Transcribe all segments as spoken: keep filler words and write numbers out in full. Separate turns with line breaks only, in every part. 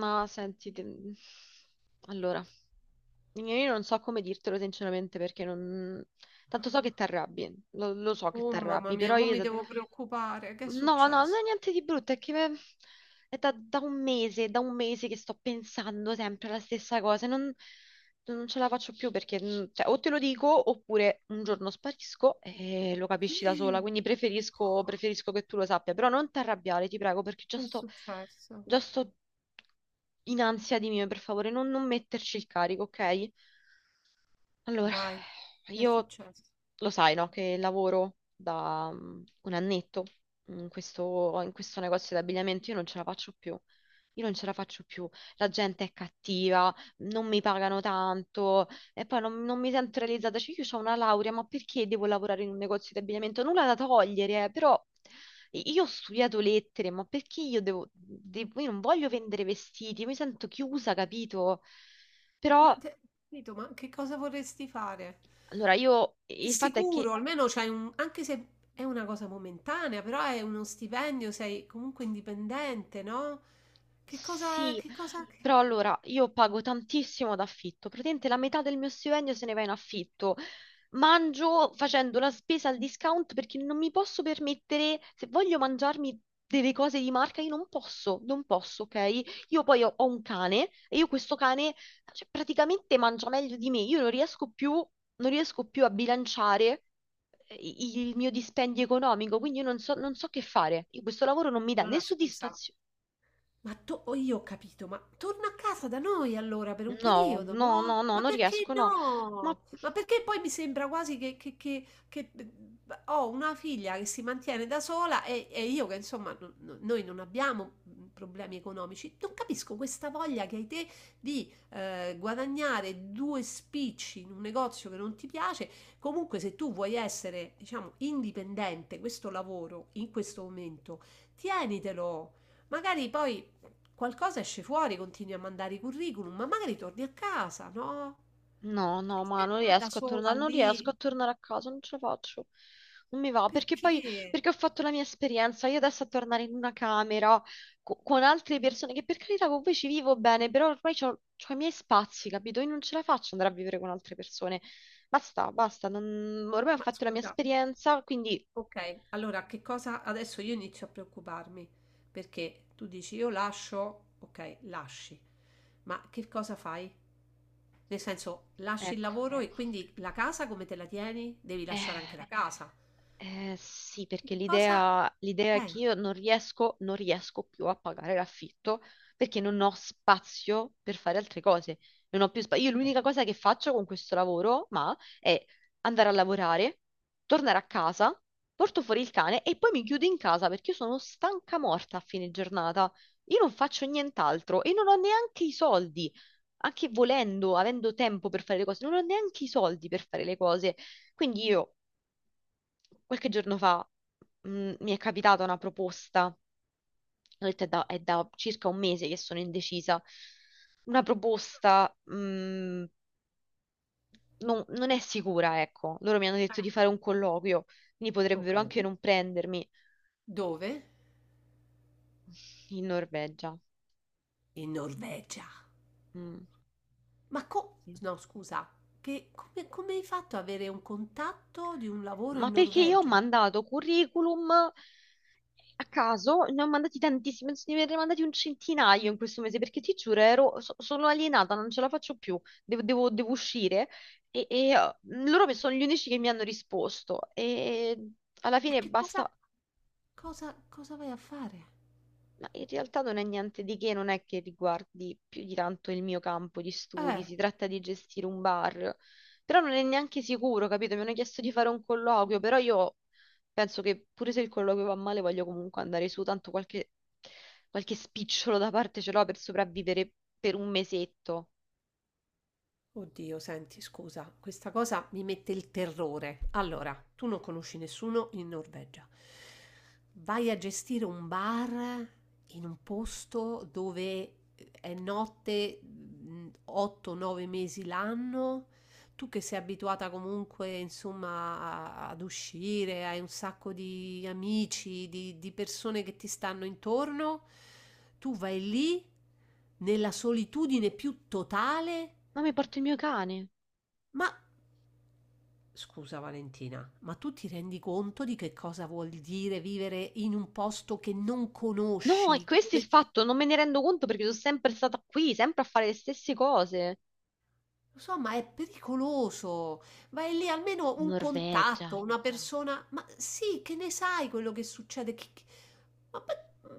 Ma senti, te- allora, io non so come dirtelo sinceramente perché non. Tanto so che ti arrabbi, lo, lo so che
Oh
ti
mamma
arrabbi,
mia,
però
mo
io.
mi devo preoccupare. Che è
No, no, non
successo?
è niente di brutto, è che me- è da, da un mese, da un mese che sto pensando sempre alla stessa cosa, e non, non ce la faccio più perché mm, cioè, o te lo dico oppure un giorno sparisco e lo capisci da sola,
Che
quindi preferisco, preferisco che tu lo sappia, però non ti arrabbiare, ti prego, perché già
è
sto,
successo?
già sto in ansia di mio, per favore, non, non metterci il carico, ok? Allora,
Vai, che è
io
successo?
lo sai, no, che lavoro da mm, un annetto in questo, in questo negozio di abbigliamento, io non ce la faccio più. Io non ce la faccio più. La gente è cattiva, non mi pagano tanto e poi non, non mi sento realizzata. Cioè, io ho una laurea, ma perché devo lavorare in un negozio di abbigliamento? Nulla da togliere, eh, però io ho studiato lettere, ma perché io devo, devo- io non voglio vendere vestiti, io mi sento chiusa, capito?
Ma
Però
te, capito, ma che cosa vorresti fare?
allora, io
È
il fatto è che.
sicuro, almeno c'hai un, anche se è una cosa momentanea, però è uno stipendio, sei comunque indipendente, no? Che cosa,
Sì,
che cosa... che-
però allora io pago tantissimo d'affitto, praticamente la metà del mio stipendio se ne va in affitto. Mangio facendo la spesa al discount perché non mi posso permettere, se voglio mangiarmi delle cose di marca, io non posso, non posso, ok? Io poi ho, ho un cane e io questo cane, cioè, praticamente mangia meglio di me, io non riesco più, non riesco più a bilanciare eh, i- il mio dispendio economico, quindi io non so, non so che fare. Io questo lavoro non mi dà né
Allora scusa.
soddisfazione.
Ma to oh, io ho capito, ma torna a casa da noi allora per un
No,
periodo,
no,
no?
no, no,
Ma
non
perché
riesco, no. Ma
no? Ma perché poi mi sembra quasi che, che- che- che, eh, ho una figlia che si mantiene da sola e, e io che insomma no- no- noi non abbiamo mm, problemi economici. Non capisco questa voglia che hai te di eh, guadagnare due spicci in un negozio che non ti piace. Comunque se tu vuoi essere, diciamo, indipendente, questo lavoro in questo momento, tienitelo. Magari poi qualcosa esce fuori, continui a mandare i curriculum, ma magari torni a casa, no?
no,
Che
no, ma
stai a
non
fare da
riesco a
sola
tornare, non riesco
lì?
a tornare a casa, non ce la faccio. Non mi va, perché poi,
Perché?
perché ho fatto la mia esperienza, io adesso a tornare in una camera co- con altre persone che per carità con voi ci vivo bene, però ormai ho i miei spazi, capito? Io non ce la faccio andare a vivere con altre persone. Basta, basta, non- ormai ho
Ma
fatto la mia
scusa,
esperienza, quindi
ok, allora che cosa adesso io inizio a preoccuparmi? Perché tu dici io lascio, ok, lasci, ma che cosa fai? Nel senso, lasci il
ecco.
lavoro e quindi la casa come te la tieni? Devi lasciare
Eh.
anche la casa.
Eh, sì,
Che
perché
cosa?
l'idea l'idea è
Eh,
che io non riesco, non riesco più a pagare l'affitto perché non ho spazio per fare altre cose. Non ho più spazio. Io l'unica cosa che faccio con questo lavoro, ma, è andare a lavorare, tornare a casa, porto fuori il cane e poi mi chiudo in casa perché io sono stanca morta a fine giornata. Io non faccio nient'altro e non ho neanche i soldi. Anche volendo, avendo tempo per fare le cose, non ho neanche i soldi per fare le cose. Quindi io qualche giorno fa mh, mi è capitata una proposta, ho detto è da, è da circa un mese che sono indecisa, una proposta mh, non, non è sicura, ecco, loro mi hanno detto di fare un colloquio, quindi
ok.
potrebbero anche non prendermi
Dove?
in Norvegia.
In Norvegia.
Mm,
Ma co-
sì.
no, scusa, che- come, come hai fatto ad avere un contatto di un lavoro
Ma
in
perché io ho
Norvegia?
mandato curriculum a caso, ne ho mandati tantissimi, penso di averne mandati un centinaio in questo mese, perché ti giuro, ero- so- sono alienata, non ce la faccio più, devo, devo- devo uscire. E, e, eh, loro mi- sono gli unici che mi hanno risposto. E alla
E
fine
che cosa,
basta,
cosa- cosa vai a fare?
ma in realtà non è niente di che, non è che riguardi più di tanto il mio campo di studi,
Eh,
si tratta di gestire un bar, però non è neanche sicuro, capito? Mi hanno chiesto di fare un colloquio, però io penso che pure se il colloquio va male voglio comunque andare su, tanto qualche, qualche spicciolo da parte ce l'ho per sopravvivere per un mesetto.
Oddio, senti, scusa, questa cosa mi mette il terrore. Allora, tu non conosci nessuno in Norvegia. Vai a gestire un bar in un posto dove eh, è notte otto nove mesi l'anno. Tu che sei abituata comunque, insomma, a- ad uscire, hai un sacco di amici, di, di persone che ti stanno intorno, tu vai lì nella solitudine più totale.
Ma mi porto il mio cane.
Ma scusa Valentina, ma tu ti rendi conto di che cosa vuol dire vivere in un posto che non
No, è
conosci?
questo il
Dove...
fatto, non me ne rendo conto perché sono sempre stata qui, sempre a fare le stesse cose.
Lo so, ma è pericoloso. Vai lì almeno un
Norvegia.
contatto, una persona. Ma sì, che ne sai quello che succede? Che- che- Ma, ma-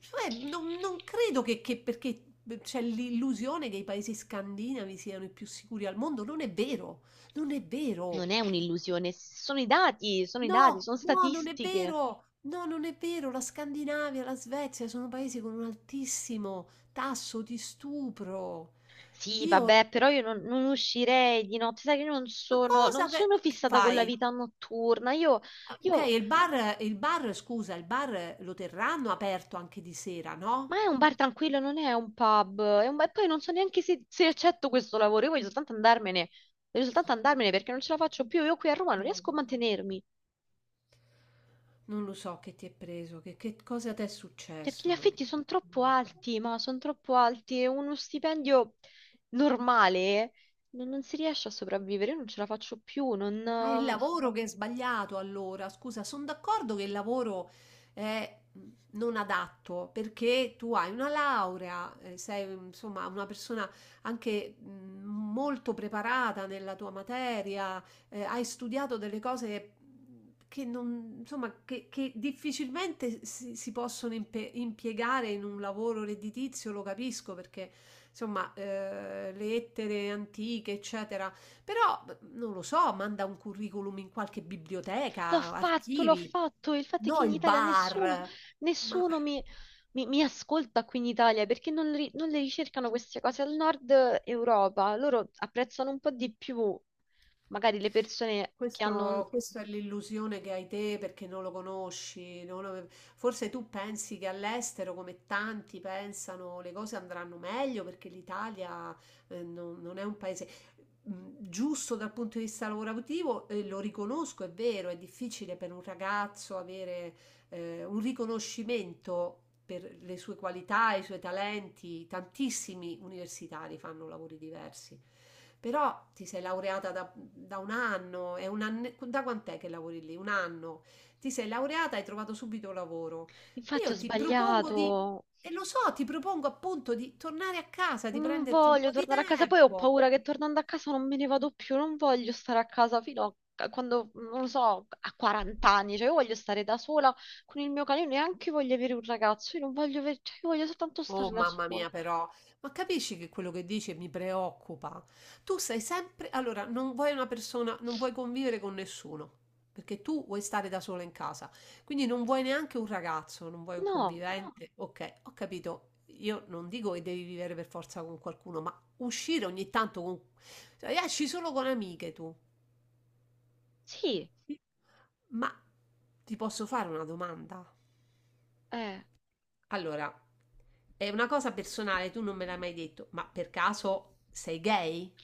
cioè, non, non credo che, che perché c'è l'illusione che i paesi scandinavi siano i più sicuri al mondo. Non è vero, non è vero.
Non è un'illusione, sono i dati, sono i dati,
No,
sono
no, non è
statistiche.
vero! No, non è vero! La Scandinavia, la Svezia sono paesi con un altissimo tasso di stupro.
Sì,
Io,
vabbè, però io non, non uscirei di notte, sai che non
ma
sono, non
cosa che,
sono
che
fissata con la
fai?
vita notturna. Io,
Ah, ok,
io-
il bar, il bar, scusa, il bar lo terranno aperto anche di sera,
ma
no?
è un bar tranquillo, non è un pub. È un, bar- e poi non so neanche se, se, accetto questo lavoro. Io voglio soltanto andarmene, voglio soltanto andarmene perché non ce la faccio più. Io qui a Roma non
No,
riesco a
vabbè.
mantenermi.
Non lo so che ti è preso, che, che cosa ti è
Perché
successo,
gli
non lo
affitti
so,
sono
non
troppo
lo so.
alti, ma sono troppo alti e uno stipendio normale non, non si riesce a sopravvivere, io non ce la faccio più, non.
Ma è il
ehm,
lavoro che è sbagliato allora, scusa, sono d'accordo che il lavoro è mhmm, non adatto perché tu hai una laurea, eh, sei insomma una persona anche mh, molto preparata nella tua materia, eh, hai studiato delle cose che, non, insomma, che, che difficilmente si, si possono impe- impiegare in un lavoro redditizio, lo capisco perché insomma eh, le lettere antiche, eccetera però, b non lo so, manda un curriculum in qualche
L'ho
biblioteca,
fatto, l'ho
archivi,
fatto, il fatto è che
no
in
il
Italia nessuno,
bar. Ma
nessuno mi, mi- mi ascolta qui in Italia perché non, ri- non le ricercano queste cose al nord Europa, loro apprezzano un po' di più magari le persone che
questo,
hanno.
questa è l'illusione che hai te perché non lo conosci. Non lo- Forse tu pensi che all'estero, come tanti pensano, le cose andranno meglio perché l'Italia, eh, non, non è un paese. mh, Giusto dal punto di vista lavorativo, e lo riconosco, è vero, è difficile per un ragazzo avere eh, un riconoscimento per le sue qualità, i suoi talenti. Tantissimi universitari fanno lavori diversi. Però ti sei laureata da, da un anno, è un anne- da quant'è che lavori lì? Un anno. Ti sei laureata e hai trovato subito lavoro.
Infatti ho
Io ti propongo di,
sbagliato.
e lo so, ti propongo appunto di tornare a casa, di
Non
prenderti un
voglio
po' di
tornare a casa, poi ho
tempo.
paura che tornando a casa non me ne vado più, non voglio stare a casa fino a quando, non lo so, a quaranta anni, cioè io voglio stare da sola con il mio cane, io neanche voglio avere un ragazzo, io non voglio avere, cioè io voglio soltanto stare
Oh
da
mamma
sola.
mia però, ma capisci che quello che dici mi preoccupa? Tu sei sempre, allora, non vuoi una persona, non vuoi convivere con nessuno, perché tu vuoi stare da sola in casa, quindi non vuoi neanche un ragazzo, non vuoi un
No,
convivente. Ok, ho capito, io non dico che devi vivere per forza con qualcuno, ma uscire ogni tanto con... cioè, esci solo con amiche tu,
sì,
ma ti posso fare una domanda?
eh,
Allora, è una cosa personale, tu non me l'hai mai detto, ma per caso sei gay?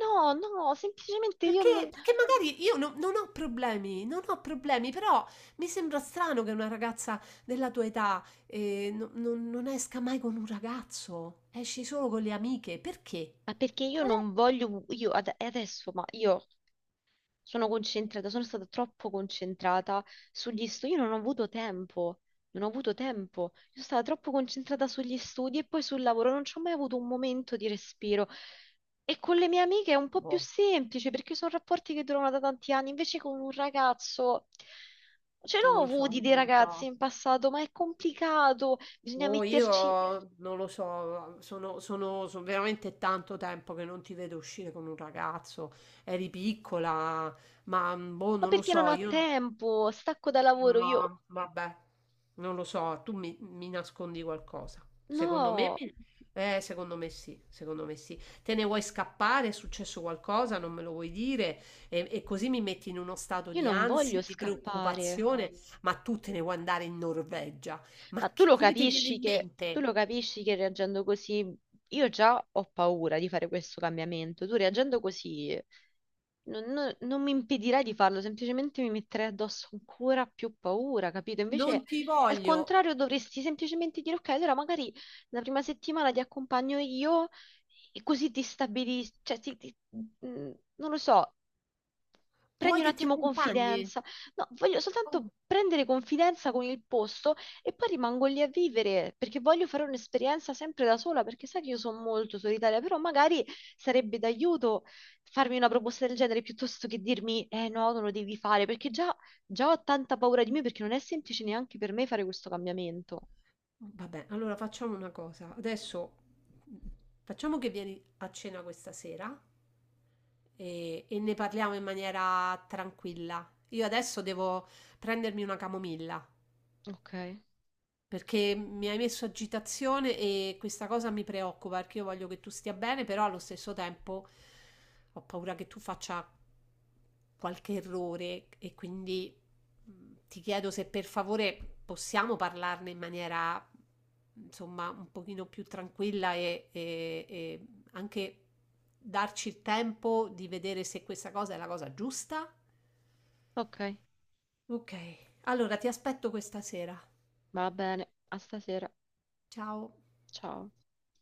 no, no, semplicemente io
Perché
non,
perché magari io no non ho problemi, non ho problemi, però mi sembra strano che una ragazza della tua età, ehm, no non non esca mai con un ragazzo, esci solo con le amiche. Perché?
ma perché io
Qual è?
non voglio, io ad- adesso, ma io sono concentrata, sono stata troppo concentrata sugli studi, io non ho avuto tempo, non ho avuto tempo, io sono stata troppo concentrata sugli studi e poi sul lavoro, non ci ho mai avuto un momento di respiro. E con le mie amiche è un po' più
Boh,
semplice perché sono rapporti che durano da tanti anni, invece con un ragazzo ce
non
l'ho
lo so,
avuti dei
non lo
ragazzi
so.
in passato, ma è complicato, bisogna
Boh, io
metterci,
non lo so, sono sono so veramente tanto tempo che non ti vedo uscire con un ragazzo. Eri piccola, ma, mhmm, boh,
ma
non lo
perché non
so,
ho
io
tempo, stacco da lavoro,
Ma
io
vabbè, non lo so, tu mi, mi nascondi qualcosa. Secondo me,
no,
mi- eh, secondo me sì, secondo me sì. Te ne vuoi scappare, è successo qualcosa, non me lo vuoi dire e, e così mi metti in uno stato
io
di
non voglio
ansia, di
scappare.
preoccupazione, ma tu te ne vuoi andare in Norvegia.
Ma
Ma
tu
che-
lo
come ti viene
capisci
in
che, tu
mente?
lo capisci che reagendo così, io già ho paura di fare questo cambiamento. Tu reagendo così non, non- non mi impedirai di farlo, semplicemente mi metterai addosso ancora più paura, capito? Invece,
Non ti
al
voglio.
contrario, dovresti semplicemente dire, ok, allora magari la prima settimana ti accompagno io e così ti stabilisci, cioè ti- ti- mm, non lo so. Prendi
Vuoi
un
che ti
attimo
accompagni?
confidenza. No, voglio
Oh,
soltanto prendere confidenza con il posto e poi rimango lì a vivere perché voglio fare un'esperienza sempre da sola, perché sai che io sono molto solitaria, però magari sarebbe d'aiuto farmi una proposta del genere piuttosto che dirmi eh no, non lo devi fare, perché già, già ho tanta paura di me perché non è semplice neanche per me fare questo cambiamento.
vabbè, allora facciamo una cosa. Adesso mm, facciamo che vieni a cena questa sera. e, e ne parliamo in maniera tranquilla. Io adesso devo prendermi una camomilla.
Ok,
Perché mi hai messo agitazione e questa cosa mi preoccupa perché io voglio che tu stia bene, però allo stesso tempo ho paura che tu faccia qualche errore e quindi mh, ti chiedo se per favore possiamo parlarne in maniera insomma un pochino più tranquilla e, e- e anche darci il tempo di vedere se questa cosa è la cosa giusta.
ok,
Ok, allora ti aspetto questa sera.
va bene, a stasera.
Ciao.
Ciao.